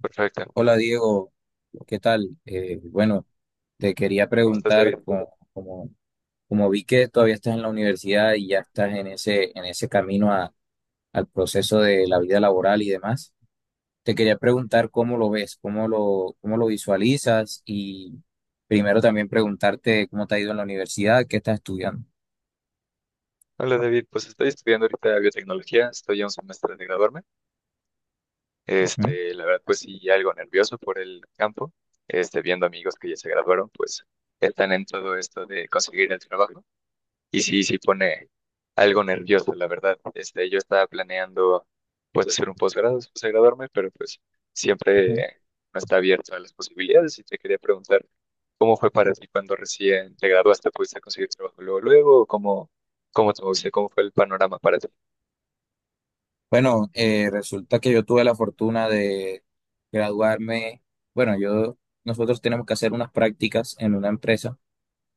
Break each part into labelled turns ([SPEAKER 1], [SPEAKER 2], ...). [SPEAKER 1] Perfecto.
[SPEAKER 2] Hola Diego, ¿qué tal? Bueno, te quería
[SPEAKER 1] ¿Cómo estás,
[SPEAKER 2] preguntar,
[SPEAKER 1] David?
[SPEAKER 2] como vi que todavía estás en la universidad y ya estás en ese camino al proceso de la vida laboral y demás, te quería preguntar cómo lo ves, cómo lo visualizas y primero también preguntarte cómo te ha ido en la universidad, qué estás estudiando.
[SPEAKER 1] Hola, David. Pues estoy estudiando ahorita biotecnología, estoy a un semestre de graduarme.
[SPEAKER 2] Ujú.
[SPEAKER 1] La verdad, pues sí, algo nervioso por el campo, viendo amigos que ya se graduaron, pues están en todo esto de conseguir el trabajo. Y sí, sí pone algo nervioso, la verdad. Yo estaba planeando pues hacer un posgrado después de graduarme, pero pues
[SPEAKER 2] Ujú.
[SPEAKER 1] siempre no está abierto a las posibilidades y te quería preguntar cómo fue para ti cuando recién te graduaste, ¿pudiste conseguir trabajo luego, luego, o cómo, te moviste, cómo fue el panorama para ti?
[SPEAKER 2] Bueno, resulta que yo tuve la fortuna de graduarme, bueno, yo, nosotros tenemos que hacer unas prácticas en una empresa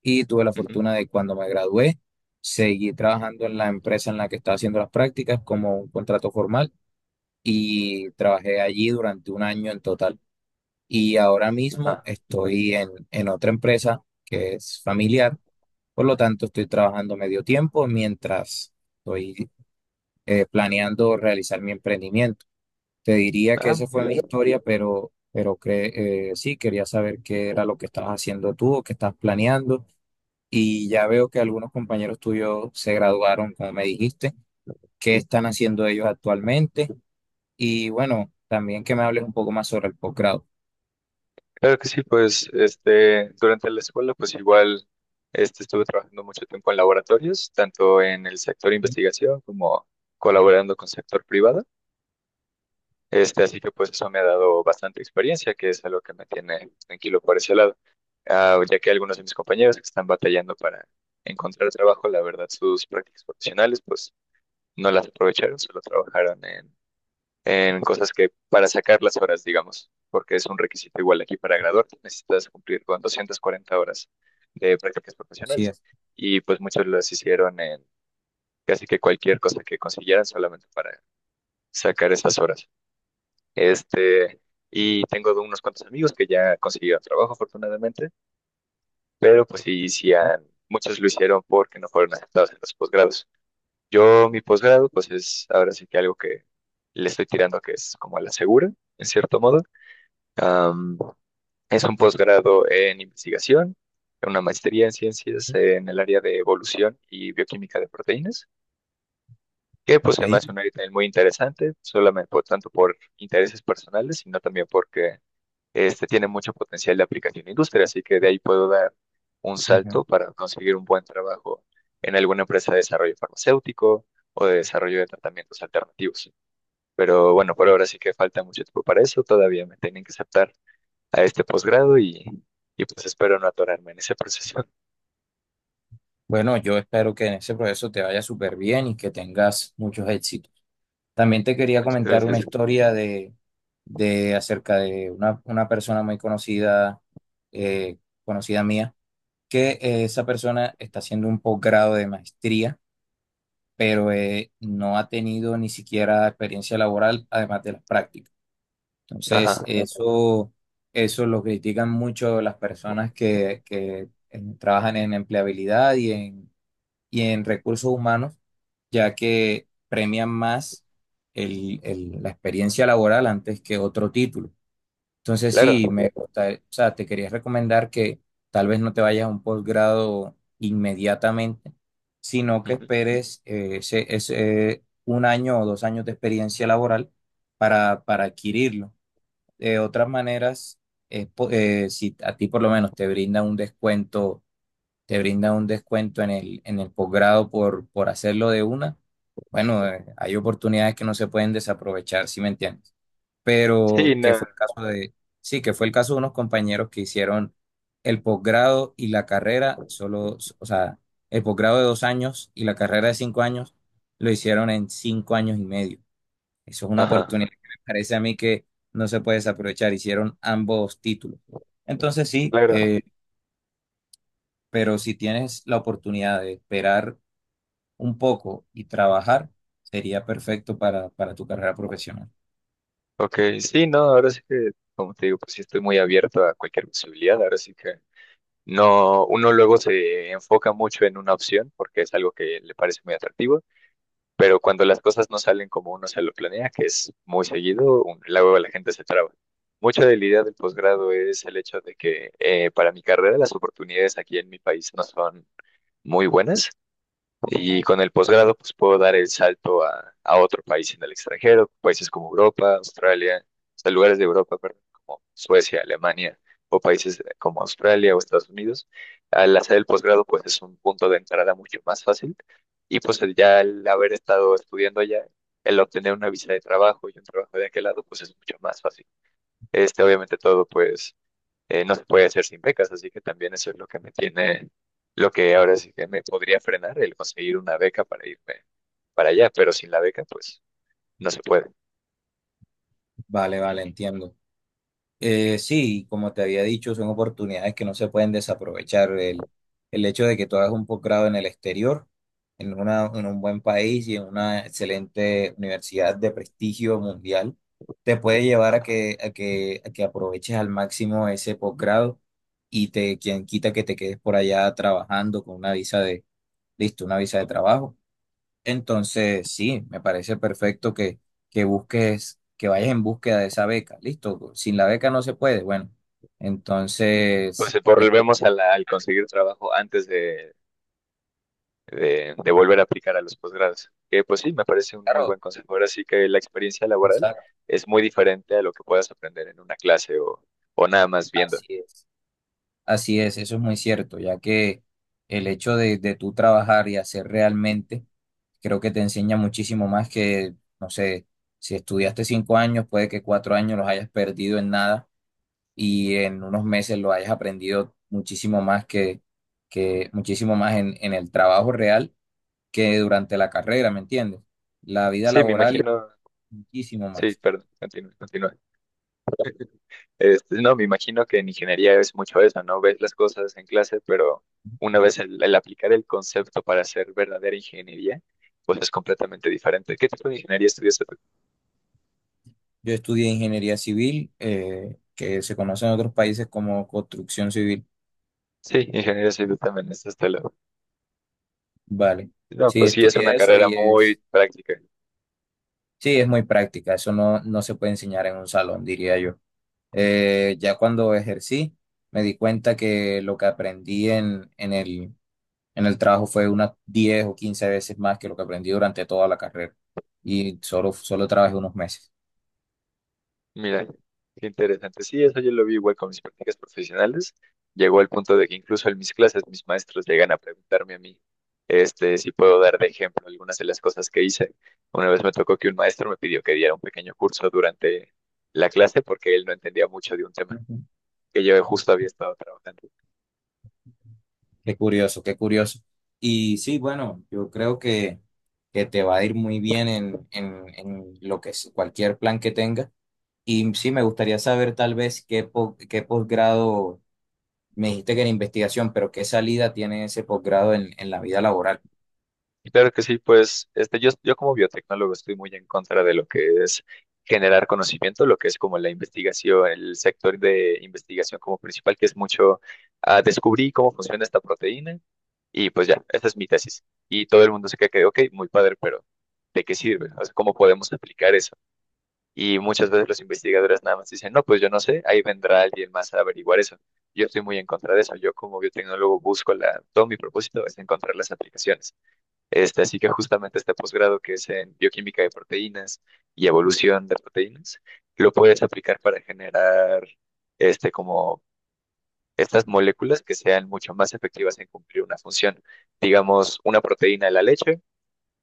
[SPEAKER 2] y tuve la
[SPEAKER 1] Ujú.
[SPEAKER 2] fortuna de cuando me gradué, seguí trabajando en la empresa en la que estaba haciendo las prácticas como un contrato formal y trabajé allí durante un año en total. Y ahora mismo
[SPEAKER 1] Ajá.
[SPEAKER 2] estoy en otra empresa que es familiar, por lo tanto estoy trabajando medio tiempo mientras estoy planeando realizar mi emprendimiento. Te diría que
[SPEAKER 1] Ah,
[SPEAKER 2] esa
[SPEAKER 1] muy
[SPEAKER 2] fue
[SPEAKER 1] bien.
[SPEAKER 2] mi historia, pero sí, quería saber qué era lo que estabas haciendo tú o qué estás planeando y ya veo que algunos compañeros tuyos se graduaron, como me dijiste. ¿Qué están haciendo ellos actualmente? Y bueno, también que me hables un poco más sobre el posgrado.
[SPEAKER 1] Claro que sí, pues durante la escuela pues igual estuve trabajando mucho tiempo en laboratorios, tanto en el sector investigación como colaborando con sector privado. Así que pues eso me ha dado bastante experiencia, que es algo que me tiene tranquilo por ese lado. Ah, ya que algunos de mis compañeros que están batallando para encontrar trabajo, la verdad, sus prácticas profesionales, pues no las aprovecharon, solo trabajaron en, cosas que para sacar las horas, digamos, porque es un requisito igual aquí para graduarte, necesitas cumplir con 240 horas de prácticas
[SPEAKER 2] Así
[SPEAKER 1] profesionales.
[SPEAKER 2] es,
[SPEAKER 1] Y pues muchos las hicieron en casi que cualquier cosa que consiguieran solamente para sacar esas horas. Este, y tengo unos cuantos amigos que ya consiguieron trabajo, afortunadamente, pero pues sí, sí muchos lo hicieron porque no fueron aceptados en los posgrados. Yo, mi posgrado, pues es ahora sí que algo que le estoy tirando que es como a la segura, en cierto modo. Am, es un posgrado en investigación, una maestría en ciencias en el área de evolución y bioquímica de proteínas, que pues se me
[SPEAKER 2] ok.
[SPEAKER 1] hace un área también muy interesante, solamente por tanto por intereses personales, sino también porque este tiene mucho potencial de aplicación en la industria, así que de ahí puedo dar un
[SPEAKER 2] Ujú.
[SPEAKER 1] salto para conseguir un buen trabajo en alguna empresa de desarrollo farmacéutico o de desarrollo de tratamientos alternativos. Pero bueno, por ahora sí que falta mucho tiempo para eso, todavía me tienen que aceptar a este posgrado y pues espero no atorarme en ese proceso.
[SPEAKER 2] Bueno, yo espero que en ese proceso te vaya súper bien y que tengas muchos éxitos. También te quería
[SPEAKER 1] Muchas
[SPEAKER 2] comentar una
[SPEAKER 1] gracias.
[SPEAKER 2] historia de acerca de una persona muy conocida, eh, conocida mía, que esa persona está haciendo un posgrado de maestría pero no ha tenido ni siquiera experiencia laboral, además de las prácticas. Entonces,
[SPEAKER 1] Ajá,
[SPEAKER 2] eso lo critican mucho las personas que trabajan en empleabilidad y en recursos humanos, ya que premian más la experiencia laboral antes que otro título. Entonces sí,
[SPEAKER 1] claro.
[SPEAKER 2] me gusta, o sea, te quería recomendar que tal vez no te vayas a un posgrado inmediatamente, sino que
[SPEAKER 1] Ujú.
[SPEAKER 2] esperes ese un año o dos años de experiencia laboral para adquirirlo. De otras maneras, si a ti por lo menos te brinda un descuento, te brinda un descuento en en el posgrado por hacerlo de una, bueno, hay oportunidades que no se pueden desaprovechar, ¿si me entiendes?
[SPEAKER 1] Sí,
[SPEAKER 2] Pero que fue
[SPEAKER 1] no.
[SPEAKER 2] el caso de, sí, que fue el caso de unos compañeros que hicieron el posgrado y la carrera, solo, o sea, el posgrado de dos años y la carrera de cinco años, lo hicieron en cinco años y medio. Eso es una
[SPEAKER 1] Ajá,
[SPEAKER 2] oportunidad que me parece a mí que no se puede desaprovechar, hicieron ambos títulos. Entonces sí,
[SPEAKER 1] claro.
[SPEAKER 2] pero si tienes la oportunidad de esperar un poco y trabajar, sería perfecto para tu carrera profesional.
[SPEAKER 1] Ok, sí, no, ahora sí que, como te digo, pues sí estoy muy abierto a cualquier posibilidad, ahora sí que. No, uno luego se enfoca mucho en una opción porque es algo que le parece muy atractivo, pero cuando las cosas no salen como uno se lo planea, que es muy seguido, luego la gente se traba. Mucha de la idea del posgrado es el hecho de que para mi carrera las oportunidades aquí en mi país no son muy buenas. Y con el posgrado, pues puedo dar el salto a, otro país en el extranjero, países como Europa, Australia, o sea, lugares de Europa, perdón, como Suecia, Alemania, o países como Australia o Estados Unidos. Al hacer el posgrado, pues es un punto de entrada mucho más fácil. Y pues ya al haber estado estudiando allá, el obtener una visa de trabajo y un trabajo de aquel lado, pues es mucho más fácil. Obviamente todo, pues no se puede hacer sin becas, así que también eso es lo que me tiene, lo que ahora sí que me podría frenar, el conseguir una beca para irme para allá, pero sin la beca, pues no se puede.
[SPEAKER 2] Vale, vale, entiendo. Sí, como te había dicho, son oportunidades que no se pueden desaprovechar. El hecho de que tú hagas un posgrado en el exterior, en un buen país y en una excelente universidad de prestigio mundial, te puede llevar a que aproveches al máximo ese posgrado y te, quien quita que te quedes por allá trabajando con una listo, una visa de trabajo. Entonces, sí, me parece perfecto que busques, que vayas en búsqueda de esa beca. Listo, sin la beca no se puede. Bueno, entonces,
[SPEAKER 1] Entonces
[SPEAKER 2] ya te
[SPEAKER 1] volvemos a al conseguir trabajo antes de volver a aplicar a los posgrados, que pues sí, me parece un muy buen
[SPEAKER 2] claro,
[SPEAKER 1] consejo. Ahora sí que la experiencia laboral
[SPEAKER 2] exacto,
[SPEAKER 1] es muy diferente a lo que puedas aprender en una clase o nada más viendo.
[SPEAKER 2] así es. Así es, eso es muy cierto, ya que el hecho de tú trabajar y hacer realmente, creo que te enseña muchísimo más que, no sé, si estudiaste cinco años, puede que cuatro años los hayas perdido en nada y en unos meses lo hayas aprendido muchísimo más que muchísimo más en el trabajo real que durante la carrera, ¿me entiendes? La vida
[SPEAKER 1] Sí, me
[SPEAKER 2] laboral,
[SPEAKER 1] imagino.
[SPEAKER 2] muchísimo
[SPEAKER 1] Sí,
[SPEAKER 2] más.
[SPEAKER 1] perdón, continúa, continúa. No, me imagino que en ingeniería es mucho eso, ¿no? Ves las cosas en clase, pero una vez el aplicar el concepto para hacer verdadera ingeniería, pues es completamente diferente. ¿Qué tipo de ingeniería estudiaste tú?
[SPEAKER 2] Yo estudié ingeniería civil, que se conoce en otros países como construcción civil,
[SPEAKER 1] Sí, ingeniería civil también, es hasta luego.
[SPEAKER 2] ¿vale?
[SPEAKER 1] No,
[SPEAKER 2] Sí,
[SPEAKER 1] pues sí, es una
[SPEAKER 2] estudié eso
[SPEAKER 1] carrera
[SPEAKER 2] y
[SPEAKER 1] muy
[SPEAKER 2] es,
[SPEAKER 1] práctica.
[SPEAKER 2] sí, es muy práctica, eso no se puede enseñar en un salón, diría yo. Ya cuando ejercí, me di cuenta que lo que aprendí en el trabajo fue unas 10 o 15 veces más que lo que aprendí durante toda la carrera. Y solo trabajé unos meses.
[SPEAKER 1] Mira, qué interesante. Sí, eso yo lo vi igual con mis prácticas profesionales. Llegó al punto de que incluso en mis clases mis maestros llegan a preguntarme a mí, si puedo dar de ejemplo algunas de las cosas que hice. Una vez me tocó que un maestro me pidió que diera un pequeño curso durante la clase porque él no entendía mucho de un tema
[SPEAKER 2] Ujú.
[SPEAKER 1] que yo justo había estado trabajando.
[SPEAKER 2] Qué curioso, qué curioso. Y sí, bueno, yo creo que te va a ir muy bien en lo que es cualquier plan que tengas. Y sí, me gustaría saber tal vez qué posgrado, me dijiste que era investigación, pero qué salida tiene ese posgrado en la vida laboral.
[SPEAKER 1] Claro que sí, pues yo como biotecnólogo estoy muy en contra de lo que es generar conocimiento, lo que es como la investigación, el sector de investigación como principal, que es mucho ah, descubrí cómo funciona esta proteína y pues ya, esta es mi tesis. Y todo el mundo se queda que, ok, muy padre, pero ¿de qué sirve? O sea, ¿cómo podemos aplicar eso? Y muchas veces los investigadores nada más dicen, no, pues yo no sé, ahí vendrá alguien más a averiguar eso. Yo estoy muy en contra de eso. Yo como biotecnólogo busco todo mi propósito es encontrar las aplicaciones. Así que justamente este posgrado que es en bioquímica de proteínas y evolución de proteínas, lo puedes aplicar para generar como estas moléculas que sean mucho más efectivas en cumplir una función. Digamos, una proteína de la leche,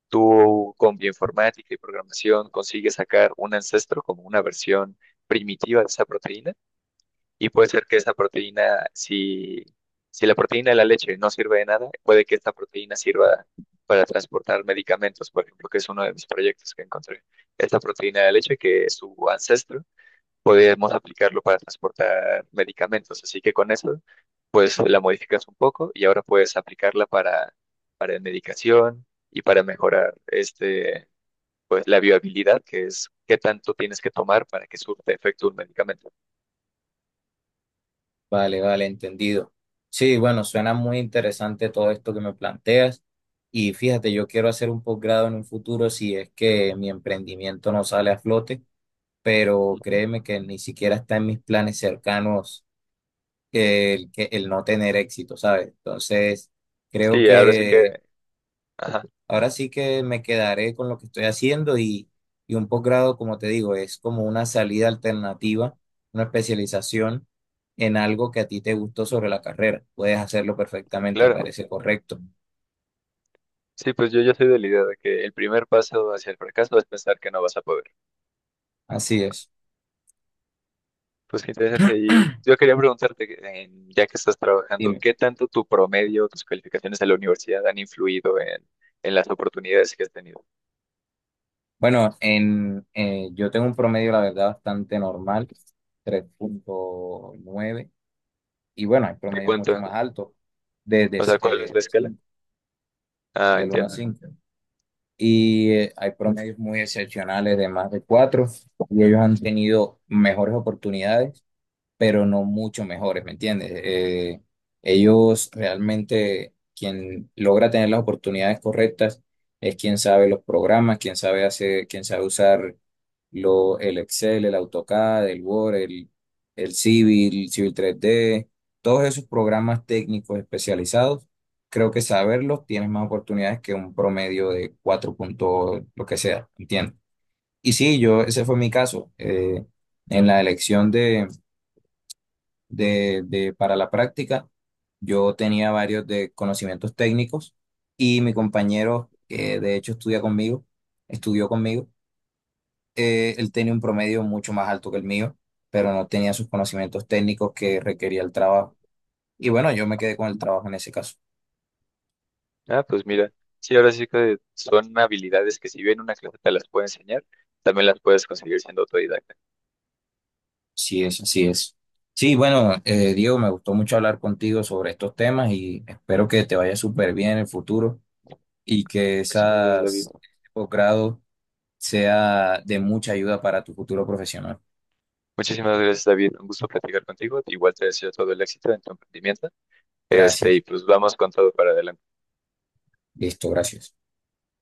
[SPEAKER 1] tú con bioinformática y programación consigues sacar un ancestro como una versión primitiva de esa proteína y puede ser que esa proteína, si la proteína de la leche no sirve de nada, puede que esta proteína sirva para transportar medicamentos, por ejemplo, que es uno de mis proyectos que encontré. Esta proteína de leche, que es su ancestro, podemos aplicarlo para transportar medicamentos. Así que con eso, pues la modificas un poco y ahora puedes aplicarla para medicación y para mejorar pues la viabilidad, que es qué tanto tienes que tomar para que surte efecto un medicamento.
[SPEAKER 2] Vale, vale, entendido. Sí, bueno, suena muy interesante todo esto que me planteas. Y fíjate, yo quiero hacer un posgrado en un futuro si es que mi emprendimiento no sale a flote, pero
[SPEAKER 1] Ujú.
[SPEAKER 2] créeme que ni siquiera está en mis planes cercanos el no tener éxito, ¿sabes? Entonces, creo
[SPEAKER 1] Sí, ahora sí
[SPEAKER 2] que
[SPEAKER 1] que. Ajá,
[SPEAKER 2] ahora sí que me quedaré con lo que estoy haciendo y un posgrado, como te digo, es como una salida alternativa, una especialización en algo que a ti te gustó sobre la carrera. Puedes hacerlo perfectamente, me
[SPEAKER 1] claro.
[SPEAKER 2] parece correcto.
[SPEAKER 1] Sí, pues yo ya soy de la idea de que el primer paso hacia el fracaso es pensar que no vas a poder.
[SPEAKER 2] Así es.
[SPEAKER 1] Pues qué interesante. Y yo quería preguntarte, que, ya que estás trabajando,
[SPEAKER 2] Dime.
[SPEAKER 1] ¿qué tanto tu promedio, tus calificaciones en la universidad han influido en las oportunidades que has tenido?
[SPEAKER 2] Bueno, en, yo tengo un promedio, la verdad, bastante normal, 3.9 y bueno, hay
[SPEAKER 1] ¿De
[SPEAKER 2] promedios mucho
[SPEAKER 1] cuánto?
[SPEAKER 2] más altos, de,
[SPEAKER 1] O
[SPEAKER 2] de,
[SPEAKER 1] sea,
[SPEAKER 2] de,
[SPEAKER 1] ¿cuál es la
[SPEAKER 2] de,
[SPEAKER 1] escala? Ah,
[SPEAKER 2] de 1 a
[SPEAKER 1] entiendo.
[SPEAKER 2] 5. Y hay promedios muy excepcionales de más de cuatro y ellos han tenido mejores oportunidades pero no mucho mejores, ¿me entiendes? Ellos realmente, quien logra tener las oportunidades correctas es quien sabe los programas, quien sabe hacer, quien sabe usar el Excel, el AutoCAD, el Word, el Civil, Civil 3D, todos esos programas técnicos especializados. Creo que saberlos tienes más oportunidades que un promedio de 4 puntos, lo que sea, ¿entiendes? Y sí, yo, ese fue mi caso. En la elección para la práctica. Yo tenía varios de conocimientos técnicos y mi compañero, que de hecho estudió conmigo, él tenía un promedio mucho más alto que el mío, pero no tenía sus conocimientos técnicos que requería el trabajo. Y bueno, yo
[SPEAKER 1] Mm.
[SPEAKER 2] me quedé con el trabajo en ese caso.
[SPEAKER 1] Ah, pues mira, sí, ahora sí que son habilidades que si bien una clase te las puede enseñar, también las puedes conseguir siendo autodidacta.
[SPEAKER 2] Sí es, así es. Sí, bueno, Diego, me gustó mucho hablar contigo sobre estos temas y espero que te vaya súper bien en el futuro y que
[SPEAKER 1] Muchas gracias, David.
[SPEAKER 2] esas posgrados sea de mucha ayuda para tu futuro profesional.
[SPEAKER 1] Muchísimas gracias, David. Un gusto platicar contigo. Igual te deseo todo el éxito en tu emprendimiento. Y
[SPEAKER 2] Gracias.
[SPEAKER 1] pues vamos con todo para adelante.
[SPEAKER 2] Listo, gracias.